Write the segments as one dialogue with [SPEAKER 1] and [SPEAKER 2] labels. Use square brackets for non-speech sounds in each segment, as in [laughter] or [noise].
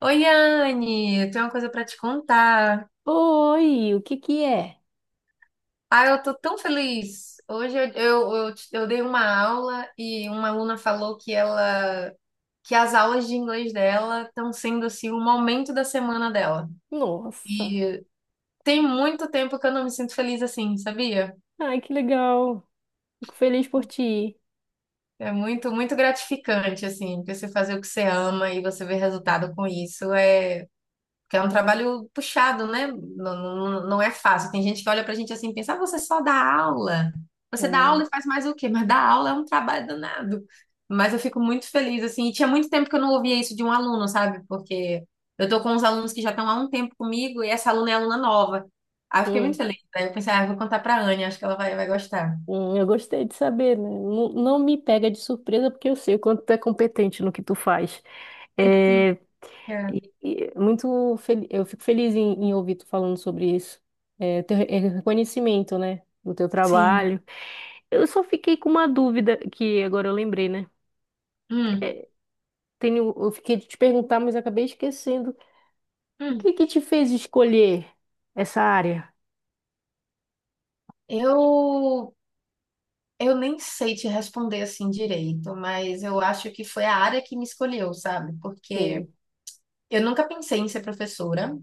[SPEAKER 1] Oi, Anne, eu tenho uma coisa para te contar.
[SPEAKER 2] Oi, o que que é?
[SPEAKER 1] Ah, eu tô tão feliz. Hoje eu dei uma aula e uma aluna falou que as aulas de inglês dela estão sendo assim um momento da semana dela.
[SPEAKER 2] Nossa.
[SPEAKER 1] E tem muito tempo que eu não me sinto feliz assim, sabia?
[SPEAKER 2] Ai, que legal. Fico feliz por ti.
[SPEAKER 1] É muito, muito gratificante assim, você fazer o que você ama e você ver resultado com isso. É. Porque é um trabalho puxado, né? Não, não, não é fácil. Tem gente que olha pra gente assim e pensa, ah, você só dá aula. Você dá aula
[SPEAKER 2] Hum,
[SPEAKER 1] e faz mais o quê? Mas dar aula é um trabalho danado. Mas eu fico muito feliz, assim. E tinha muito tempo que eu não ouvia isso de um aluno, sabe? Porque eu tô com uns alunos que já estão há um tempo comigo e essa aluna é aluna nova. Aí eu fiquei muito
[SPEAKER 2] hum,
[SPEAKER 1] feliz. Aí eu pensei, ah, eu vou contar pra Anne, acho que ela vai, vai gostar.
[SPEAKER 2] eu gostei de saber, né? Não, não me pega de surpresa porque eu sei o quanto tu é competente no que tu faz.
[SPEAKER 1] Uhum,
[SPEAKER 2] É,
[SPEAKER 1] é,
[SPEAKER 2] e eu fico feliz em ouvir tu falando sobre isso. É, é reconhecimento, né? Do teu
[SPEAKER 1] sim.
[SPEAKER 2] trabalho. Eu só fiquei com uma dúvida que agora eu lembrei, né?
[SPEAKER 1] Hum,
[SPEAKER 2] Eu fiquei de te perguntar, mas acabei esquecendo. O
[SPEAKER 1] hum.
[SPEAKER 2] que que te fez escolher essa área?
[SPEAKER 1] Eu Eu nem sei te responder assim direito, mas eu acho que foi a área que me escolheu, sabe? Porque
[SPEAKER 2] Sim.
[SPEAKER 1] eu nunca pensei em ser professora,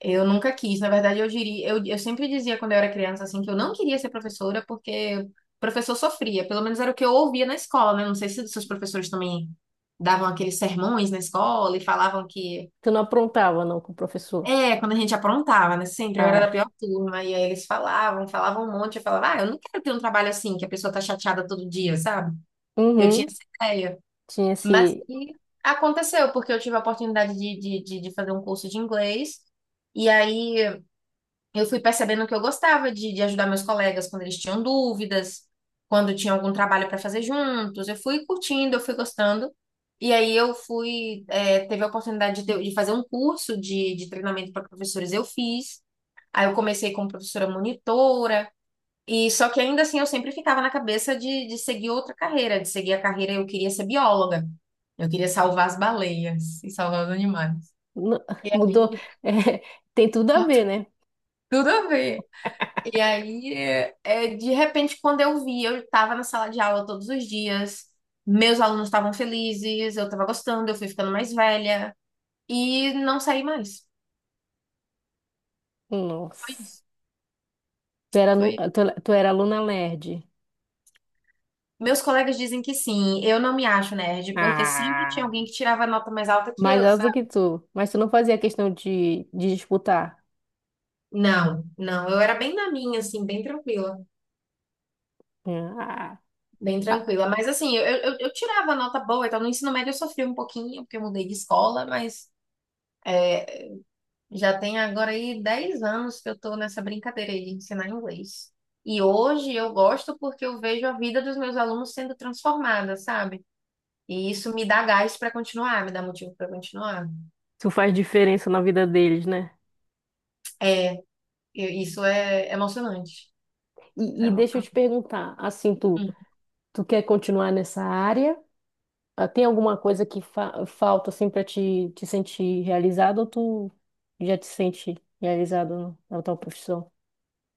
[SPEAKER 1] eu nunca quis. Na verdade, eu diria, eu sempre dizia quando eu era criança assim que eu não queria ser professora porque o professor sofria. Pelo menos era o que eu ouvia na escola, né? Não sei se os seus professores também davam aqueles sermões na escola e falavam que
[SPEAKER 2] Tu não aprontava, não, com o professor?
[SPEAKER 1] é, quando a gente aprontava, né? Sempre eu era da
[SPEAKER 2] Ah,
[SPEAKER 1] pior turma e aí eles falavam, falavam um monte, eu falava, ah, eu não quero ter um trabalho assim que a pessoa tá chateada todo dia, sabe? Eu tinha
[SPEAKER 2] uhum.
[SPEAKER 1] essa ideia.
[SPEAKER 2] Tinha
[SPEAKER 1] Mas
[SPEAKER 2] esse.
[SPEAKER 1] que aconteceu, porque eu tive a oportunidade de fazer um curso de inglês. E aí eu fui percebendo que eu gostava de ajudar meus colegas quando eles tinham dúvidas, quando tinha algum trabalho para fazer juntos. Eu fui curtindo, eu fui gostando. E aí teve a oportunidade de fazer um curso de treinamento para professores, eu fiz. Aí eu comecei como professora monitora. E só que ainda assim eu sempre ficava na cabeça de seguir outra carreira, de seguir a carreira, eu queria ser bióloga. Eu queria salvar as baleias e salvar os animais.
[SPEAKER 2] nu- [laughs] Mudou.
[SPEAKER 1] Aí,
[SPEAKER 2] É, tem tudo a ver, né?
[SPEAKER 1] [laughs] tudo a ver. E aí, de repente, quando eu vi, eu estava na sala de aula todos os dias, meus alunos estavam felizes, eu estava gostando, eu fui ficando mais velha e não saí mais. Foi
[SPEAKER 2] Nossa.
[SPEAKER 1] isso.
[SPEAKER 2] Tu era, nu-
[SPEAKER 1] Foi.
[SPEAKER 2] tu, tu era aluna nerd.
[SPEAKER 1] Meus colegas dizem que sim, eu não me acho nerd, porque sempre tinha
[SPEAKER 2] Ah.
[SPEAKER 1] alguém que tirava nota mais alta que
[SPEAKER 2] Mais
[SPEAKER 1] eu.
[SPEAKER 2] alto que tu. Mas tu não fazia questão de disputar.
[SPEAKER 1] Não, não, eu era bem na minha, assim, bem tranquila,
[SPEAKER 2] Ah.
[SPEAKER 1] bem
[SPEAKER 2] Ah,
[SPEAKER 1] tranquila. Mas assim, eu tirava nota boa, então no ensino médio eu sofri um pouquinho, porque eu mudei de escola, mas é, já tem agora aí 10 anos que eu tô nessa brincadeira aí de ensinar inglês. E hoje eu gosto porque eu vejo a vida dos meus alunos sendo transformada, sabe? E isso me dá gás para continuar, me dá motivo para continuar.
[SPEAKER 2] tu faz diferença na vida deles, né?
[SPEAKER 1] É, isso é emocionante. Isso é
[SPEAKER 2] E deixa eu te
[SPEAKER 1] emocionante.
[SPEAKER 2] perguntar, assim, tu,
[SPEAKER 1] Hum.
[SPEAKER 2] tu quer continuar nessa área? Ah, tem alguma coisa que falta assim para te sentir realizado ou tu já te sente realizado na tua profissão?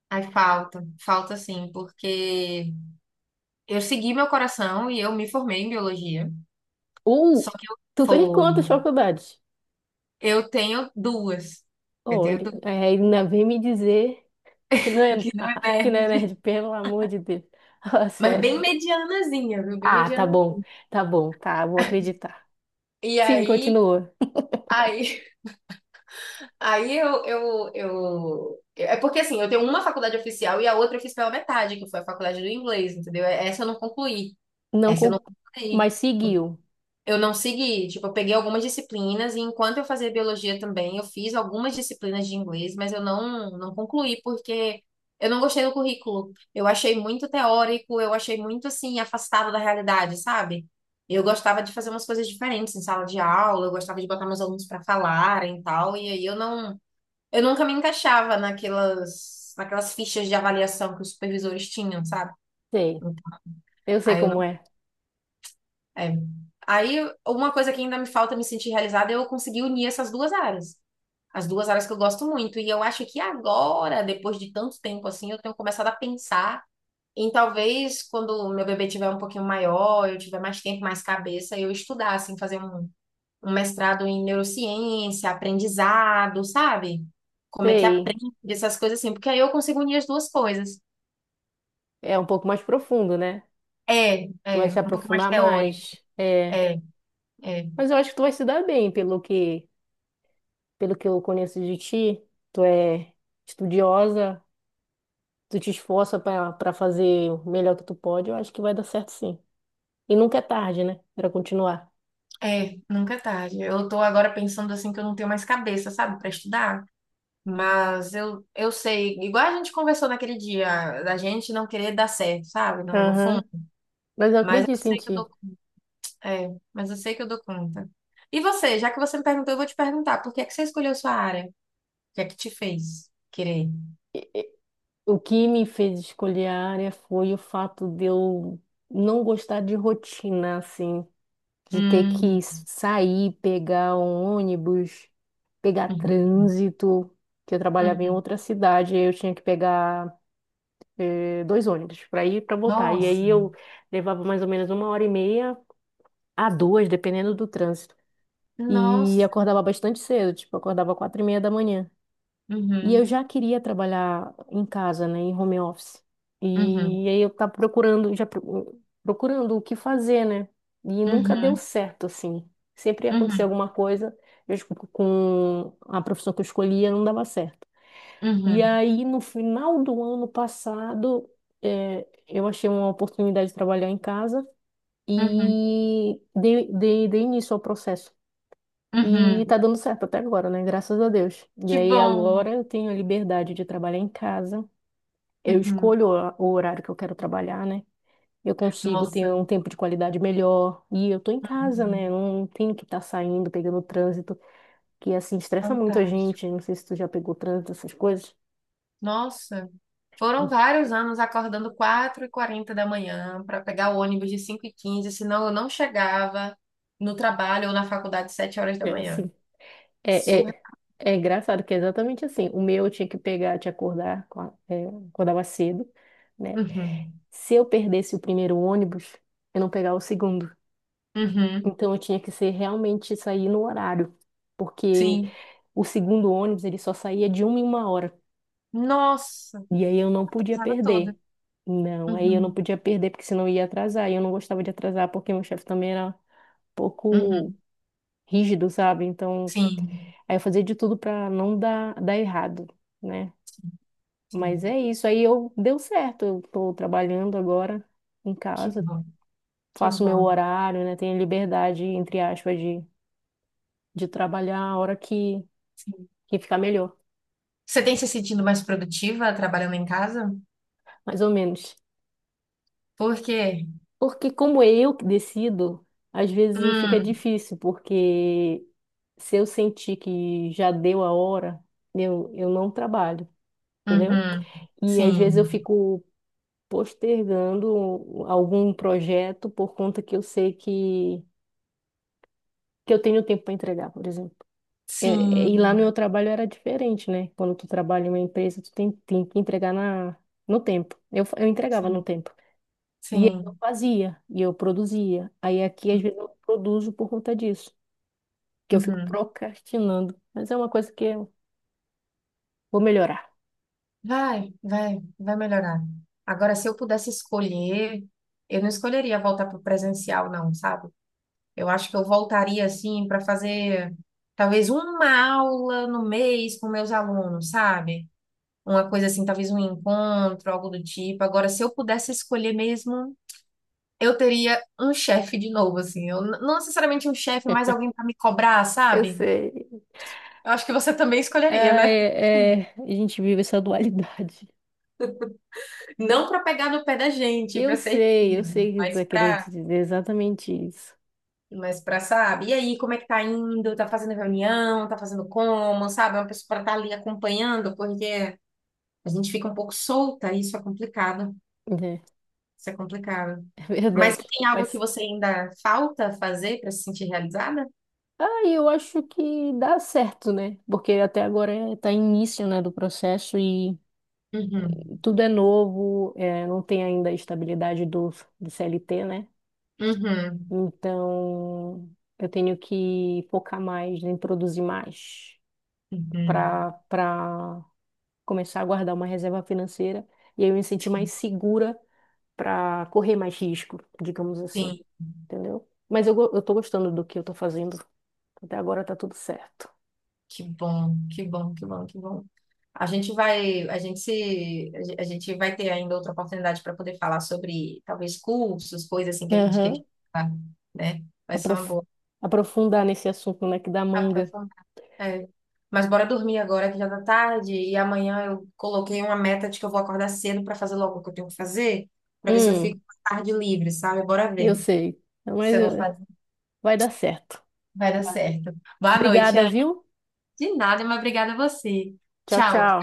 [SPEAKER 1] Ai, falta, falta sim, porque eu segui meu coração e eu me formei em biologia.
[SPEAKER 2] Ou
[SPEAKER 1] Só que eu
[SPEAKER 2] tu fez
[SPEAKER 1] foi.
[SPEAKER 2] quantas faculdades?
[SPEAKER 1] Eu tenho duas. Eu tenho
[SPEAKER 2] Olha,
[SPEAKER 1] duas
[SPEAKER 2] aí ainda vem me dizer que não é,
[SPEAKER 1] [laughs] que não é
[SPEAKER 2] [laughs] que não é
[SPEAKER 1] verde.
[SPEAKER 2] nerd, pelo amor de Deus. [laughs] Fala
[SPEAKER 1] Mas
[SPEAKER 2] sério.
[SPEAKER 1] bem medianazinha, viu? Bem
[SPEAKER 2] Ah, tá
[SPEAKER 1] mediana.
[SPEAKER 2] bom, tá bom, tá, vou acreditar.
[SPEAKER 1] E
[SPEAKER 2] Sim,
[SPEAKER 1] aí,
[SPEAKER 2] continua.
[SPEAKER 1] aí, eu. É porque assim, eu tenho uma faculdade oficial e a outra eu fiz pela metade, que foi a faculdade do inglês, entendeu? Essa eu não concluí.
[SPEAKER 2] Não,
[SPEAKER 1] Essa eu não concluí.
[SPEAKER 2] mas seguiu.
[SPEAKER 1] Eu não segui, tipo, eu peguei algumas disciplinas e enquanto eu fazia biologia também, eu fiz algumas disciplinas de inglês, mas eu não, não concluí porque eu não gostei do currículo. Eu achei muito teórico, eu achei muito assim afastado da realidade, sabe? Eu gostava de fazer umas coisas diferentes em sala de aula, eu gostava de botar meus alunos para falarem e tal, e aí eu não, eu nunca me encaixava naquelas fichas de avaliação que os supervisores tinham, sabe?
[SPEAKER 2] Sei,
[SPEAKER 1] Então,
[SPEAKER 2] eu sei
[SPEAKER 1] aí eu
[SPEAKER 2] como é.
[SPEAKER 1] é. Aí, uma coisa que ainda me falta me sentir realizada é eu conseguir unir essas duas áreas. As duas áreas que eu gosto muito. E eu acho que agora, depois de tanto tempo assim, eu tenho começado a pensar em talvez quando o meu bebê tiver um pouquinho maior, eu tiver mais tempo, mais cabeça, eu estudar, assim, fazer um, um mestrado em neurociência, aprendizado, sabe? Como é que
[SPEAKER 2] Sei,
[SPEAKER 1] aprende essas coisas assim, porque aí eu consigo unir as duas coisas.
[SPEAKER 2] é um pouco mais profundo, né?
[SPEAKER 1] É,
[SPEAKER 2] Tu vai
[SPEAKER 1] é,
[SPEAKER 2] se
[SPEAKER 1] um pouco mais
[SPEAKER 2] aprofundar
[SPEAKER 1] teórico.
[SPEAKER 2] mais. É.
[SPEAKER 1] É. É.
[SPEAKER 2] Mas eu acho que tu vai se dar bem, pelo que eu conheço de ti. Tu é estudiosa, tu te esforça para fazer o melhor que tu pode. Eu acho que vai dar certo sim. E nunca é tarde, né? Para continuar.
[SPEAKER 1] É, nunca é tarde. Eu tô agora pensando assim que eu não tenho mais cabeça, sabe, para estudar. Mas eu sei, igual a gente conversou naquele dia, da gente não querer dar certo, sabe, no fundo.
[SPEAKER 2] Aham. Mas eu
[SPEAKER 1] Mas eu
[SPEAKER 2] acredito em
[SPEAKER 1] sei que eu
[SPEAKER 2] ti.
[SPEAKER 1] dou, é, mas eu sei que eu dou conta. E você, já que você me perguntou, eu vou te perguntar, por que é que você escolheu sua área? O que é que te fez querer?
[SPEAKER 2] E o que me fez escolher a área foi o fato de eu não gostar de rotina, assim, de ter
[SPEAKER 1] Hum,
[SPEAKER 2] que sair, pegar um ônibus, pegar
[SPEAKER 1] uhum,
[SPEAKER 2] trânsito, que eu trabalhava em
[SPEAKER 1] uhum.
[SPEAKER 2] outra cidade, aí eu tinha que pegar dois ônibus para ir e para voltar. E
[SPEAKER 1] Nossa,
[SPEAKER 2] aí eu levava mais ou menos uma hora e meia a duas, dependendo do trânsito. E
[SPEAKER 1] nossa.
[SPEAKER 2] acordava bastante cedo, tipo, acordava 4h30 da manhã. E eu
[SPEAKER 1] Uhum,
[SPEAKER 2] já queria trabalhar em casa, né, em home office.
[SPEAKER 1] uhum,
[SPEAKER 2] E aí eu tava procurando, procurando o que fazer, né? E nunca deu
[SPEAKER 1] uhum,
[SPEAKER 2] certo, assim. Sempre ia acontecer
[SPEAKER 1] uhum,
[SPEAKER 2] alguma coisa, acho que com a profissão que eu escolhia, não dava certo. E
[SPEAKER 1] uhum,
[SPEAKER 2] aí, no final do ano passado, eu achei uma oportunidade de trabalhar em casa
[SPEAKER 1] uhum,
[SPEAKER 2] e dei início ao processo. E
[SPEAKER 1] uhum.
[SPEAKER 2] tá dando certo até agora, né? Graças a Deus. E
[SPEAKER 1] Que
[SPEAKER 2] aí,
[SPEAKER 1] bom.
[SPEAKER 2] agora eu tenho a liberdade de trabalhar em casa. Eu
[SPEAKER 1] Uhum.
[SPEAKER 2] escolho o horário que eu quero trabalhar, né? Eu consigo ter
[SPEAKER 1] Nossa,
[SPEAKER 2] um tempo de qualidade melhor. E eu tô em casa, né? Eu não tenho que estar saindo, pegando trânsito, que assim estressa muito a
[SPEAKER 1] fantástico.
[SPEAKER 2] gente. Não sei se tu já pegou trânsito, essas coisas.
[SPEAKER 1] Nossa, foram
[SPEAKER 2] [laughs]
[SPEAKER 1] vários anos acordando 4h40 da manhã para pegar o ônibus de 5h15, senão eu não chegava no trabalho ou na faculdade 7 horas da
[SPEAKER 2] É
[SPEAKER 1] manhã.
[SPEAKER 2] assim. É,
[SPEAKER 1] Surra.
[SPEAKER 2] é, É engraçado que é exatamente assim. O meu eu tinha que pegar, te acordar, acordava cedo, né?
[SPEAKER 1] Uhum.
[SPEAKER 2] Se eu perdesse o primeiro ônibus, eu não pegava o segundo.
[SPEAKER 1] Uhum.
[SPEAKER 2] Então eu tinha que ser realmente sair no horário, porque
[SPEAKER 1] Sim.
[SPEAKER 2] o segundo ônibus ele só saía de uma em uma hora.
[SPEAKER 1] Nossa,
[SPEAKER 2] E aí eu não podia
[SPEAKER 1] atrasava toda.
[SPEAKER 2] perder. Não, aí eu não
[SPEAKER 1] Uhum.
[SPEAKER 2] podia perder porque senão eu ia atrasar. E eu não gostava de atrasar porque meu chefe também era um pouco
[SPEAKER 1] Uhum.
[SPEAKER 2] rígido, sabe? Então,
[SPEAKER 1] Sim.
[SPEAKER 2] aí eu fazia de tudo para não dar errado, né? Mas
[SPEAKER 1] Sim.
[SPEAKER 2] é isso. Aí eu deu certo. Eu tô trabalhando agora em
[SPEAKER 1] Que
[SPEAKER 2] casa,
[SPEAKER 1] bom, que
[SPEAKER 2] faço meu
[SPEAKER 1] bom.
[SPEAKER 2] horário, né? Tenho liberdade, entre aspas, de trabalhar a hora que,
[SPEAKER 1] Sim.
[SPEAKER 2] que ficar melhor,
[SPEAKER 1] Você tem se sentindo mais produtiva trabalhando em casa?
[SPEAKER 2] mais ou menos.
[SPEAKER 1] Por quê?
[SPEAKER 2] Porque como é eu que decido, às vezes fica
[SPEAKER 1] Hum.
[SPEAKER 2] difícil, porque se eu sentir que já deu a hora, eu não trabalho, entendeu?
[SPEAKER 1] Uhum.
[SPEAKER 2] E às vezes eu
[SPEAKER 1] Sim.
[SPEAKER 2] fico postergando algum projeto por conta que eu sei que eu tenho tempo para entregar, por exemplo. E lá no meu
[SPEAKER 1] Sim,
[SPEAKER 2] trabalho era diferente, né? Quando tu trabalha em uma empresa, tu tem que entregar no tempo. Eu entregava
[SPEAKER 1] sim,
[SPEAKER 2] no tempo. E eu
[SPEAKER 1] sim.
[SPEAKER 2] fazia, e eu produzia. Aí aqui, às vezes, eu não produzo por conta disso, que eu fico
[SPEAKER 1] Uhum.
[SPEAKER 2] procrastinando. Mas é uma coisa que eu vou melhorar.
[SPEAKER 1] Vai, vai, vai melhorar. Agora, se eu pudesse escolher, eu não escolheria voltar para o presencial, não, sabe? Eu acho que eu voltaria, assim, para fazer talvez uma aula no mês com meus alunos, sabe? Uma coisa assim, talvez um encontro, algo do tipo. Agora, se eu pudesse escolher mesmo, eu teria um chefe de novo, assim. Eu, não necessariamente um chefe, mas alguém para me cobrar,
[SPEAKER 2] Eu
[SPEAKER 1] sabe?
[SPEAKER 2] sei.
[SPEAKER 1] Eu acho que você também escolheria,
[SPEAKER 2] Ah,
[SPEAKER 1] né?
[SPEAKER 2] é, é, a gente vive essa dualidade.
[SPEAKER 1] Não para pegar no pé da gente, para ser
[SPEAKER 2] Eu
[SPEAKER 1] rígido,
[SPEAKER 2] sei que tu tá querendo dizer exatamente isso.
[SPEAKER 1] mas para, sabe? E aí, como é que tá indo? Tá fazendo reunião? Tá fazendo como? Sabe? É uma pessoa para estar ali acompanhando, porque a gente fica um pouco solta, isso é complicado.
[SPEAKER 2] É,
[SPEAKER 1] Isso é complicado.
[SPEAKER 2] [laughs] é
[SPEAKER 1] Mas
[SPEAKER 2] verdade.
[SPEAKER 1] tem algo que
[SPEAKER 2] Mas
[SPEAKER 1] você ainda falta fazer para se sentir realizada?
[SPEAKER 2] Eu acho que dá certo, né? Porque até agora está início, né, do processo e
[SPEAKER 1] Uhum.
[SPEAKER 2] tudo é novo, não tem ainda a estabilidade do CLT, né?
[SPEAKER 1] Uhum.
[SPEAKER 2] Então eu tenho que focar mais em produzir mais
[SPEAKER 1] Uhum.
[SPEAKER 2] para começar a guardar uma reserva financeira e aí eu me sentir mais segura para correr mais risco, digamos assim,
[SPEAKER 1] Sim,
[SPEAKER 2] entendeu? Mas eu tô gostando do que eu tô fazendo. Até agora tá tudo certo.
[SPEAKER 1] que bom, que bom, que bom, que bom. A gente vai, a gente se, a gen- a gente vai ter ainda outra oportunidade para poder falar sobre talvez cursos, coisas assim que a gente queria, falar, né? Vai ser uma
[SPEAKER 2] aprof-
[SPEAKER 1] boa
[SPEAKER 2] aprofundar nesse assunto, né, que da manga.
[SPEAKER 1] aprofundar. É. Mas bora dormir agora que já tá tarde e amanhã eu coloquei uma meta de que eu vou acordar cedo para fazer logo o que eu tenho que fazer, para ver se eu
[SPEAKER 2] Hum,
[SPEAKER 1] fico com a tarde livre, sabe? Bora
[SPEAKER 2] eu
[SPEAKER 1] ver
[SPEAKER 2] sei.
[SPEAKER 1] se
[SPEAKER 2] Mas
[SPEAKER 1] eu vou fazer.
[SPEAKER 2] vai dar certo.
[SPEAKER 1] Vai dar
[SPEAKER 2] Vai.
[SPEAKER 1] certo. Boa noite,
[SPEAKER 2] Obrigada,
[SPEAKER 1] Ana.
[SPEAKER 2] viu?
[SPEAKER 1] De nada, mas obrigada a você.
[SPEAKER 2] Tchau,
[SPEAKER 1] Tchau.
[SPEAKER 2] tchau.